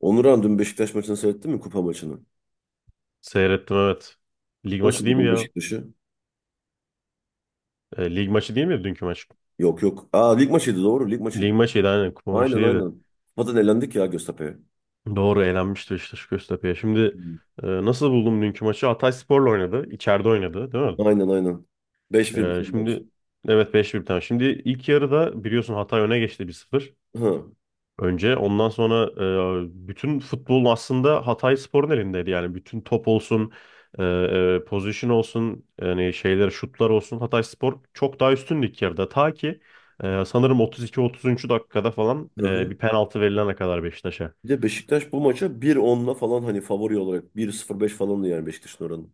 Onuran dün Beşiktaş maçını seyrettin mi? Kupa maçını. Seyrettim evet. Lig maçı Nasıl değil mi buldun ya? Beşiktaş'ı? Lig maçı değil mi dünkü maç? Yok yok. Aa lig maçıydı doğru lig Lig maçıydı. maçıydı aynen kupa maçı Aynen değildi. aynen. Kupadan elendik ya Göztepe'ye. Doğru elenmişti Beşiktaş Göztepe'ye. Şimdi Hı. Nasıl buldum dünkü maçı? Hatayspor'la oynadı. İçeride oynadı değil mi? Aynen aynen. 5-1 biten maç. Şimdi evet 5-1 tane. Şimdi ilk yarıda biliyorsun Hatay öne geçti 1-0. Hı. Önce ondan sonra bütün futbolun aslında Hatayspor'un elindeydi. Yani bütün top olsun, pozisyon olsun, yani şeyler şutlar olsun Hatayspor çok daha üstündü ilk yarıda. Ta ki sanırım 32-33. Dakikada falan Hı hı. bir penaltı verilene kadar Beşiktaş'a. Bir de Beşiktaş bu maça bir onla falan hani favori olarak bir sıfır beş falandı yani Beşiktaş'ın oranı.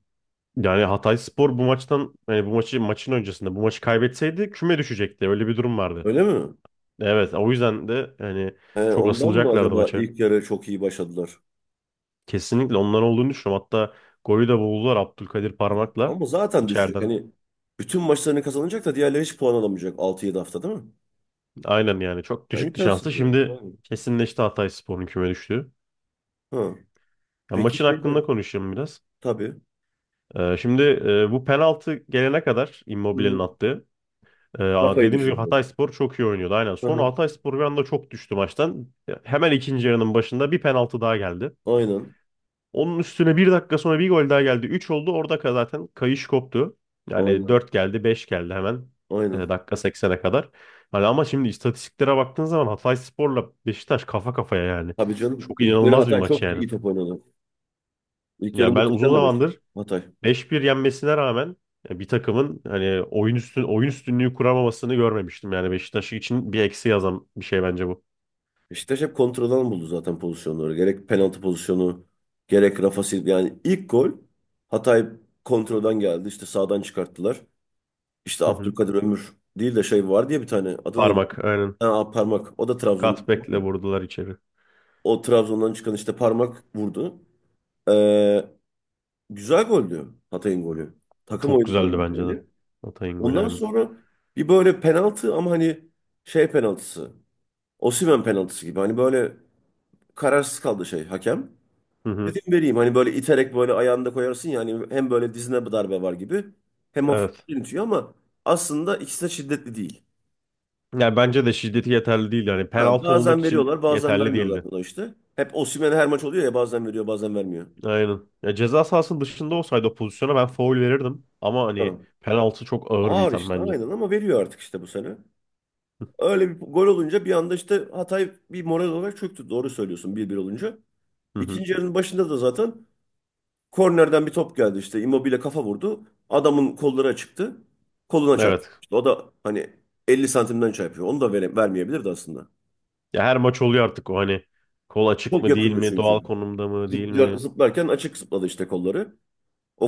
Yani Hatayspor bu maçtan yani bu maçı maçın öncesinde bu maçı kaybetseydi küme düşecekti. Öyle bir durum vardı. Öyle mi? Evet, o yüzden de yani He, çok ondan mı asılacaklardı acaba maça. ilk yarı çok iyi başladılar? Kesinlikle onlar olduğunu düşünüyorum. Hatta golü de buldular Abdülkadir parmakla Ama zaten düşecek. içeriden. Hani bütün maçlarını kazanacak da diğerleri hiç puan alamayacak 6-7 hafta değil mi? Aynen yani çok Ya düşüktü şansı. imkansız yani. Şimdi Aynen. kesinleşti Hatayspor'un küme düştüğü. Hı. Ya Peki maçın şeyde hakkında konuşayım biraz. Tabii. Şimdi bu penaltı gelene kadar Hı Immobile'nin hı. attığı. e, Kafayı dediğimiz gibi düşündüler. Hatayspor çok iyi oynuyordu. Aynen. Hı Sonra hı. Hatayspor bir anda çok düştü maçtan. Hemen ikinci yarının başında bir penaltı daha geldi. Aynen. Onun üstüne bir dakika sonra bir gol daha geldi. Üç oldu. Orada zaten kayış koptu. Yani Aynen. 4 geldi, 5 geldi hemen. e, Aynen. dakika seksene kadar. Hani ama şimdi istatistiklere baktığın zaman Hatayspor'la Beşiktaş kafa kafaya yani. Tabii canım. Çok İlk yarı inanılmaz bir Hatay maç çok yani. iyi top oynadı. İlk yarı Yani ben uzun muhteşem demek. zamandır Hatay. 5-1 yenmesine rağmen bir takımın hani oyun üstünlüğü kuramamasını görmemiştim. Yani Beşiktaş için bir eksi yazan bir şey bence bu. Beşiktaş hep kontradan buldu zaten pozisyonları. Gerek penaltı pozisyonu, gerek Rafa Silva. Yani ilk gol Hatay kontradan geldi. İşte sağdan çıkarttılar. İşte Hı hı. Abdülkadir Ömür değil de şey var diye bir tane. Adı neydi? Parmak aynen. Ha, parmak. O da Trabzon. Cutback'le vurdular içeri. O Trabzon'dan çıkan işte parmak vurdu. Ee, Güzel goldü Hatay'ın golü. Takım Çok oyunu golü güzeldi bence de. yani. Hatay'ın golü Ondan aynen. sonra bir böyle penaltı ama hani şey penaltısı. Osimhen penaltısı gibi. Hani böyle kararsız kaldı şey hakem. Hı hı. Dedim vereyim hani böyle iterek böyle ayağında koyarsın yani hem böyle dizine bir darbe var gibi hem hafif Evet. initiyor ama aslında ikisi de şiddetli değil. Yani bence de şiddeti yeterli değil. Yani Ha, penaltı olmak bazen için veriyorlar bazen yeterli vermiyorlar değildi. buna işte. Hep Osimhen her maç oluyor ya bazen veriyor bazen vermiyor. Aynen. Ya ceza sahasının dışında olsaydı o pozisyona ben faul verirdim. Ama Ha. hani penaltı çok ağır bir Ağır itham işte bence. aynen ama veriyor artık işte bu sene. Öyle bir gol olunca bir anda işte Hatay bir moral olarak çöktü. Doğru söylüyorsun 1-1 olunca. Hı hı. İkinci yarının başında da zaten kornerden bir top geldi işte Immobile kafa vurdu. Adamın kolları açıktı. Koluna çarptı. Evet. İşte o da hani 50 santimden çarpıyor. Onu da vermeyebilirdi aslında. Ya her maç oluyor artık o hani kol açık Çok mı değil yakındı mi, doğal çünkü. konumda mı değil mi? Zıplarken açık zıpladı işte kolları.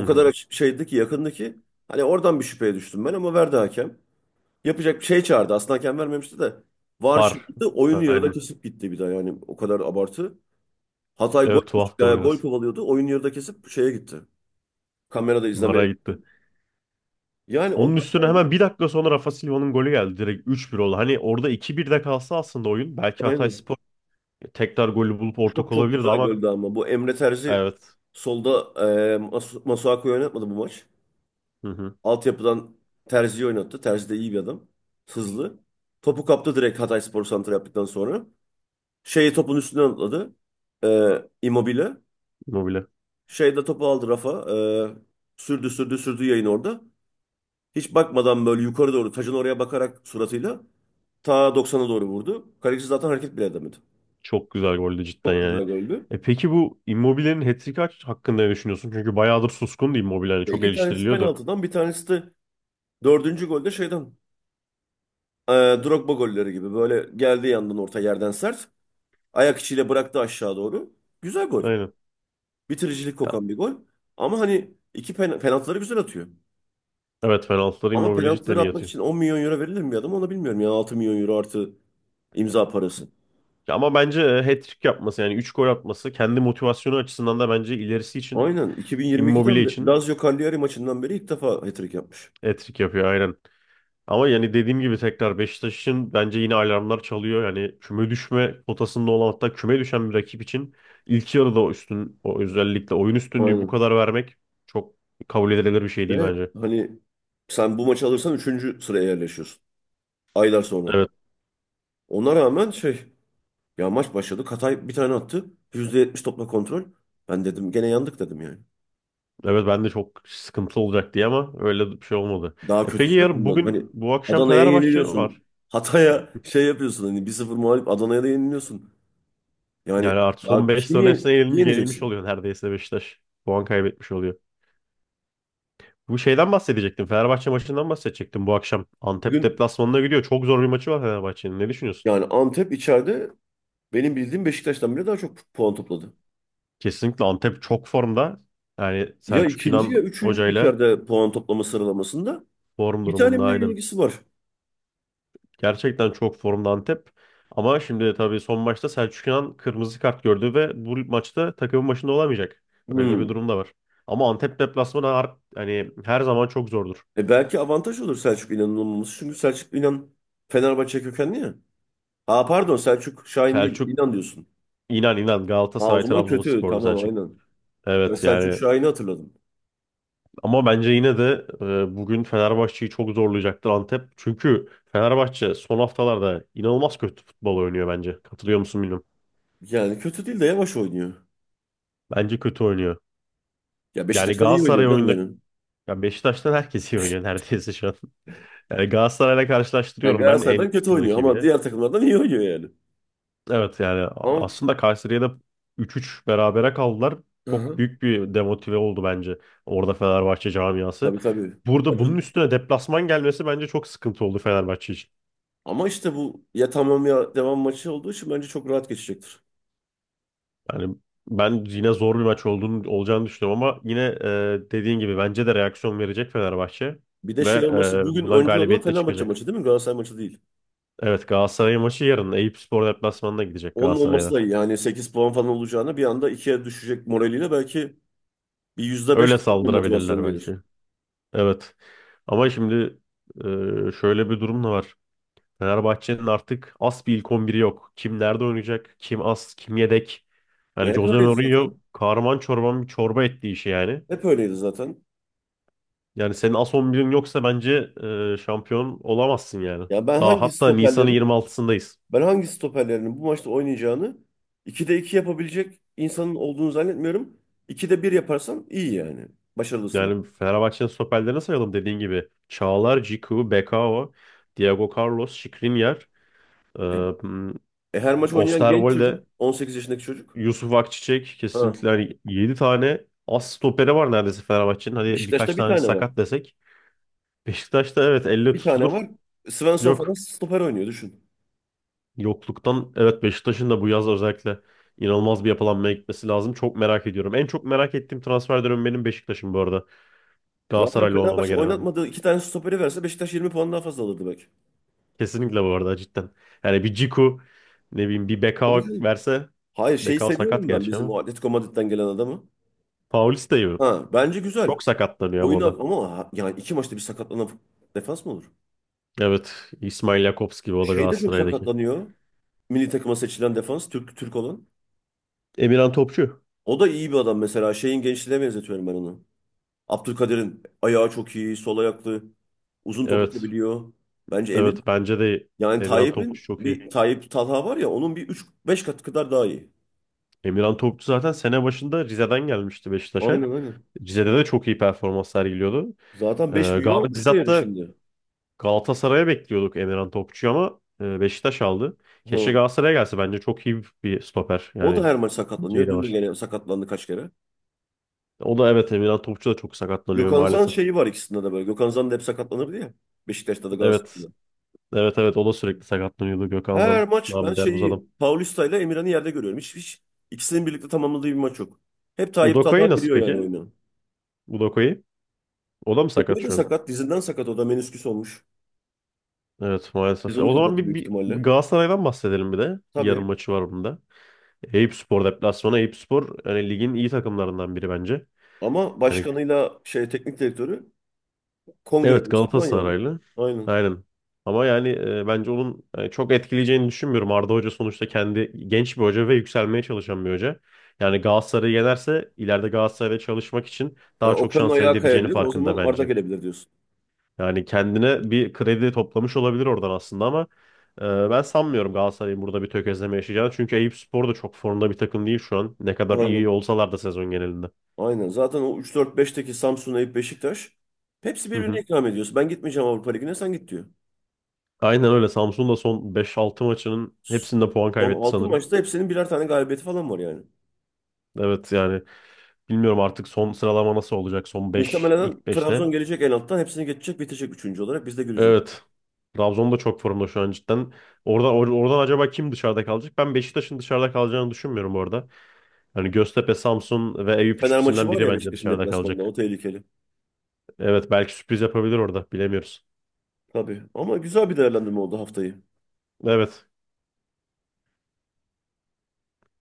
Hı kadar hı. açık şeydi ki yakındı ki. Hani oradan bir şüpheye düştüm ben ama verdi hakem. Yapacak bir şey çağırdı. Aslında hakem vermemişti de. VAR Var. çıktı. Oyunu yarıda Aynen. kesip gitti bir daha yani o kadar abartı. Hatay Evet tuhaftı o gol biraz. kovalıyordu. Oyun yarıda kesip şeye gitti. Kamerada izlemeye. Vara gitti. Yani Onun ondan üstüne sonra hemen bir dakika sonra Rafa Silva'nın golü geldi. Direkt 3-1 oldu. Hani orada iki 1 de kalsa aslında oyun belki aynen. Hatayspor tekrar golü bulup ortak Çok çok olabilirdi güzel ama. goldü ama. Bu Emre Terzi Evet. solda Masuaku'yu oynatmadı bu maç. Hı hı. Altyapıdan Terzi'yi oynattı. Terzi de iyi bir adam. Hızlı. Topu kaptı direkt Hatayspor santra yaptıktan sonra. Şeyi topun üstünden atladı. Immobile. Immobile. Şey de topu aldı Rafa. Sürdü sürdü sürdü yayın orada. Hiç bakmadan böyle yukarı doğru taşın oraya bakarak suratıyla Ta 90'a doğru vurdu. Kaleci zaten hareket bile edemedi. Çok güzel goldü cidden Çok yani. güzel goldü. Peki bu Immobile'nin hat-trick'i hakkında ne düşünüyorsun? Çünkü bayağıdır suskundu Immobile. Hani Ve çok iki tanesi eleştiriliyordu. penaltıdan bir tanesi de dördüncü golde şeyden e, Drogba golleri gibi böyle geldiği yandan orta yerden sert. Ayak içiyle bıraktı aşağı doğru. Güzel gol. Aynen. Bitiricilik Ya, kokan bir gol. Ama hani iki penaltıları güzel atıyor. evet penaltıları Ama Immobile cidden penaltıları iyi atmak atıyor. için 10 milyon euro verilir mi bir adam onu bilmiyorum. Yani 6 milyon euro artı imza parası. Ya ama bence hat-trick yapması yani 3 gol atması kendi motivasyonu açısından da bence ilerisi için Aynen. Immobile 2022'den beri için Lazio Cagliari maçından beri ilk defa hat-trick yapmış. hat-trick yapıyor aynen. Ama yani dediğim gibi tekrar Beşiktaş'ın bence yine alarmlar çalıyor. Yani küme düşme potasında olan hatta küme düşen bir rakip için ilk yarıda o özellikle oyun üstünlüğü bu Aynen. kadar vermek çok kabul edilebilir bir şey değil Ve bence. hani sen bu maçı alırsan üçüncü sıraya yerleşiyorsun. Aylar sonra. Evet, Ona rağmen şey ya maç başladı. Katay bir tane attı. %70 topla kontrol. Ben dedim gene yandık dedim yani. evet ben de çok sıkıntılı olacak diye ama öyle bir şey olmadı. Daha Peki kötüsü de yarın bundan. Hani bugün bu akşam Adana'ya Fenerbahçe var. yeniliyorsun. Hatay'a şey yapıyorsun hani 1 sıfır mağlup Adana'ya da yeniliyorsun. Yani Yani artık son ya 5 kim sıranın hepsine yenilmiş yeneceksin? oluyor neredeyse Beşiktaş. Puan kaybetmiş oluyor. Bu şeyden bahsedecektim. Fenerbahçe maçından bahsedecektim bu akşam. Antep Bugün deplasmanına gidiyor. Çok zor bir maçı var Fenerbahçe'nin. Ne düşünüyorsun? yani Antep içeride benim bildiğim Beşiktaş'tan bile daha çok puan topladı. Kesinlikle Antep çok formda. Yani Ya Selçuk ikinci ya İnan üçüncü hocayla içeride puan toplama sıralamasında. form Bir tane durumunda mi ne aynen. ilgisi var? Gerçekten çok formda Antep. Ama şimdi de tabii son maçta Selçuk İnan kırmızı kart gördü ve bu maçta takımın başında olamayacak. Öyle bir Hmm. durum da var. Ama Antep deplasmanı hani her zaman çok zordur. Belki avantaj olur Selçuk İnan'ın olmaması. Çünkü Selçuk İnan Fenerbahçe kökenli ya. Ha pardon Selçuk Şahin değil. Selçuk İnan diyorsun. İnan Ha o Galatasaray zaman kötü. Trabzonsporlu Tamam Selçuk. aynen. Ben Evet Selçuk yani. Şahin'i hatırladım. Ama bence yine de bugün Fenerbahçe'yi çok zorlayacaktır Antep. Çünkü Fenerbahçe son haftalarda inanılmaz kötü futbol oynuyor bence. Katılıyor musun bilmiyorum. Yani kötü değil de yavaş oynuyor. Bence kötü oynuyor. Ya Yani Beşiktaş'tan iyi oynuyor Galatasaray canım oyunda benim. ya Beşiktaş'tan herkes iyi oynuyor neredeyse şu an. Yani Galatasaray'la Yani karşılaştırıyorum ben en Galatasaray'dan kötü yakın oynuyor ama rakibiyle. diğer takımlardan iyi oynuyor yani. Evet yani Ama aslında Kayseri'ye 3-3 berabere kaldılar. hı Çok hı. büyük bir demotive oldu bence orada Fenerbahçe camiası. Tabii tabii. Burada bunun Acun. üstüne deplasman gelmesi bence çok sıkıntı oldu Fenerbahçe için. Ama işte bu ya tamam ya devam maçı olduğu için bence çok rahat geçecektir. Yani ben yine zor bir maç olacağını düşünüyorum ama yine dediğin gibi bence de reaksiyon verecek Fenerbahçe Bir de ve şey olması bugün bundan önce olan galibiyetle Fenerbahçe çıkacak. maçı değil mi? Galatasaray maçı değil. Evet Galatasaray maçı yarın Eyüpspor deplasmanına gidecek Onun olması Galatasaray'da. da iyi. Yani 8 puan falan olacağına bir anda ikiye düşecek moraliyle belki bir %5 Öyle de motivasyon saldırabilirler gelir. belki. Evet. Ama şimdi şöyle bir durum da var. Fenerbahçe'nin artık as bir ilk 11'i yok. Kim nerede oynayacak? Kim as? Kim yedek? Yani Hep Jose öyleydi Mourinho zaten. kahraman çorban bir çorba etti işi yani. Hep öyleydi zaten. Yani senin as 11'in yoksa bence şampiyon olamazsın yani. Ya Daha hatta Nisan'ın 26'sındayız. ben hangi stoperlerin bu maçta oynayacağını 2'de 2 yapabilecek insanın olduğunu zannetmiyorum. 2'de bir yaparsan iyi yani. Başarılısın. Yani Fenerbahçe'nin stoperlerini sayalım dediğin gibi. Çağlar, Ciku, Bekao, Diego Carlos, Skriniar, e, E, m, Her maç oynayan genç çocuk, Osterwolde, 18 yaşındaki çocuk. Yusuf Akçiçek Ha. kesinlikle hani 7 tane as stoperi var neredeyse Fenerbahçe'nin. Hadi birkaç Beşiktaş'ta bir tane tane var. sakat desek. Beşiktaş'ta evet elle Bir tane tutulur. var. Svensson falan Yok. stoper oynuyor düşün. Yokluktan evet Beşiktaş'ın da bu yaz özellikle inanılmaz bir yapılanmaya gitmesi lazım. Çok merak ediyorum. En çok merak ettiğim transfer dönemi benim Beşiktaş'ım bu arada. Zaten Galatasaraylı olmama Fenerbahçe gerek yok. oynatmadığı iki tane stoperi verse Beşiktaş 20 puan daha fazla alır demek. Kesinlikle bu arada cidden. Yani bir Ciku ne bileyim bir Tabii Bekao canım. verse. Hayır şeyi Bekao sakat seviyorum ben gerçi bizim ama. o Atletico Madrid'den gelen adamı. Paulista gibi. Ha bence güzel. Çok sakatlanıyor ama o Oyunu da. ama yani iki maçta bir sakatlanan defans mı olur? Evet İsmail Jakobs gibi o da Şey de çok Galatasaray'daki. sakatlanıyor. Milli takıma seçilen defans Türk olan. Emirhan Topçu. O da iyi bir adam mesela. Şeyin gençliğine benzetiyorum ben onu. Abdülkadir'in ayağı çok iyi, sol ayaklı, uzun top Evet. atabiliyor. Bence Emin. Evet bence de Yani Emirhan Topçu Tayyip'in çok iyi. bir Tayyip Talha var ya onun bir üç beş kat kadar daha iyi. Emirhan Topçu zaten sene başında Rize'den gelmişti Aynen Beşiktaş'a. aynen. Rize'de de çok iyi performans sergiliyordu. Zaten 5 milyon Gal biz olmuş değeri hatta şimdi. Galatasaray'a bekliyorduk Emirhan Topçu'yu ama Beşiktaş aldı. Keşke Hı. Galatasaray'a gelse. Bence çok iyi bir stoper. O da Yani her maç şey sakatlanıyor. de Dün de var. gene sakatlandı kaç kere. O da evet Emirhan Topçu da çok sakatlanıyor Gökhan Zan maalesef. şeyi var ikisinde de böyle. Gökhan Zan da hep sakatlanırdı ya. Beşiktaş'ta da Evet. Galatasaray'da. Evet evet o da sürekli sakatlanıyordu Gökhan Zan. Her maç ben Namı der bu adam. şeyi Paulista ile Emirhan'ı yerde görüyorum. Hiç ikisinin birlikte tamamladığı bir maç yok. Hep Tayyip Talha Udoka'yı nasıl giriyor yani peki? oyuna. Udoka'yı. O da mı sakat Dıpkı da şu an? sakat. Dizinden sakat. O da menisküs olmuş. Evet Biz maalesef. E, onu O zaman kapattı büyük bir ihtimalle. Galatasaray'dan bahsedelim bir de. Yarın Tabii. maçı var bunda. Eyüp Spor deplasmanı. Eyüp Spor yani ligin iyi takımlarından biri bence. Ama Yani başkanıyla şey teknik direktörü kongre evet üyesi falan yani. Galatasaraylı. Aynen. Aynen. Ama yani bence onun çok etkileyeceğini düşünmüyorum. Arda Hoca sonuçta kendi genç bir hoca ve yükselmeye çalışan bir hoca. Yani Galatasaray'ı yenerse ileride Galatasaray'da çalışmak için Yani daha çok Okan'ın şans elde ayağı edeceğini kayabilir. O zaman farkında Arda bence. gelebilir diyorsun. Yani kendine bir kredi toplamış olabilir oradan aslında ama e, ben sanmıyorum Galatasaray'ın burada bir tökezleme yaşayacağını. Çünkü Eyüp Spor da çok formda bir takım değil şu an. Ne kadar iyi Aynen. olsalar da sezon genelinde. Aynen. Zaten o üç dört beşteki Samsun, Eyüp, Beşiktaş hepsi Hı birbirine hı. ikram ediyorsun. Ben gitmeyeceğim Avrupa Ligi'ne sen git diyor. Aynen öyle. Samsun da son beş altı maçının hepsinde puan Son kaybetti 6 sanırım. maçta hepsinin birer tane galibiyeti falan var yani. Evet yani bilmiyorum artık son sıralama nasıl olacak son 5 Muhtemelen ilk Trabzon beşte. gelecek en alttan hepsini geçecek bitecek üçüncü olarak biz de göreceğiz. Evet. Trabzon da çok formda şu an cidden. Orada oradan acaba kim dışarıda kalacak? Ben Beşiktaş'ın dışarıda kalacağını düşünmüyorum orada. Hani Göztepe, Samsun ve Eyüp Fener maçı üçlüsünden var biri ya bence Beşiktaş'ın dışarıda deplasmanında o kalacak. tehlikeli. Evet belki sürpriz yapabilir orada bilemiyoruz. Tabii ama güzel bir değerlendirme oldu haftayı. Evet.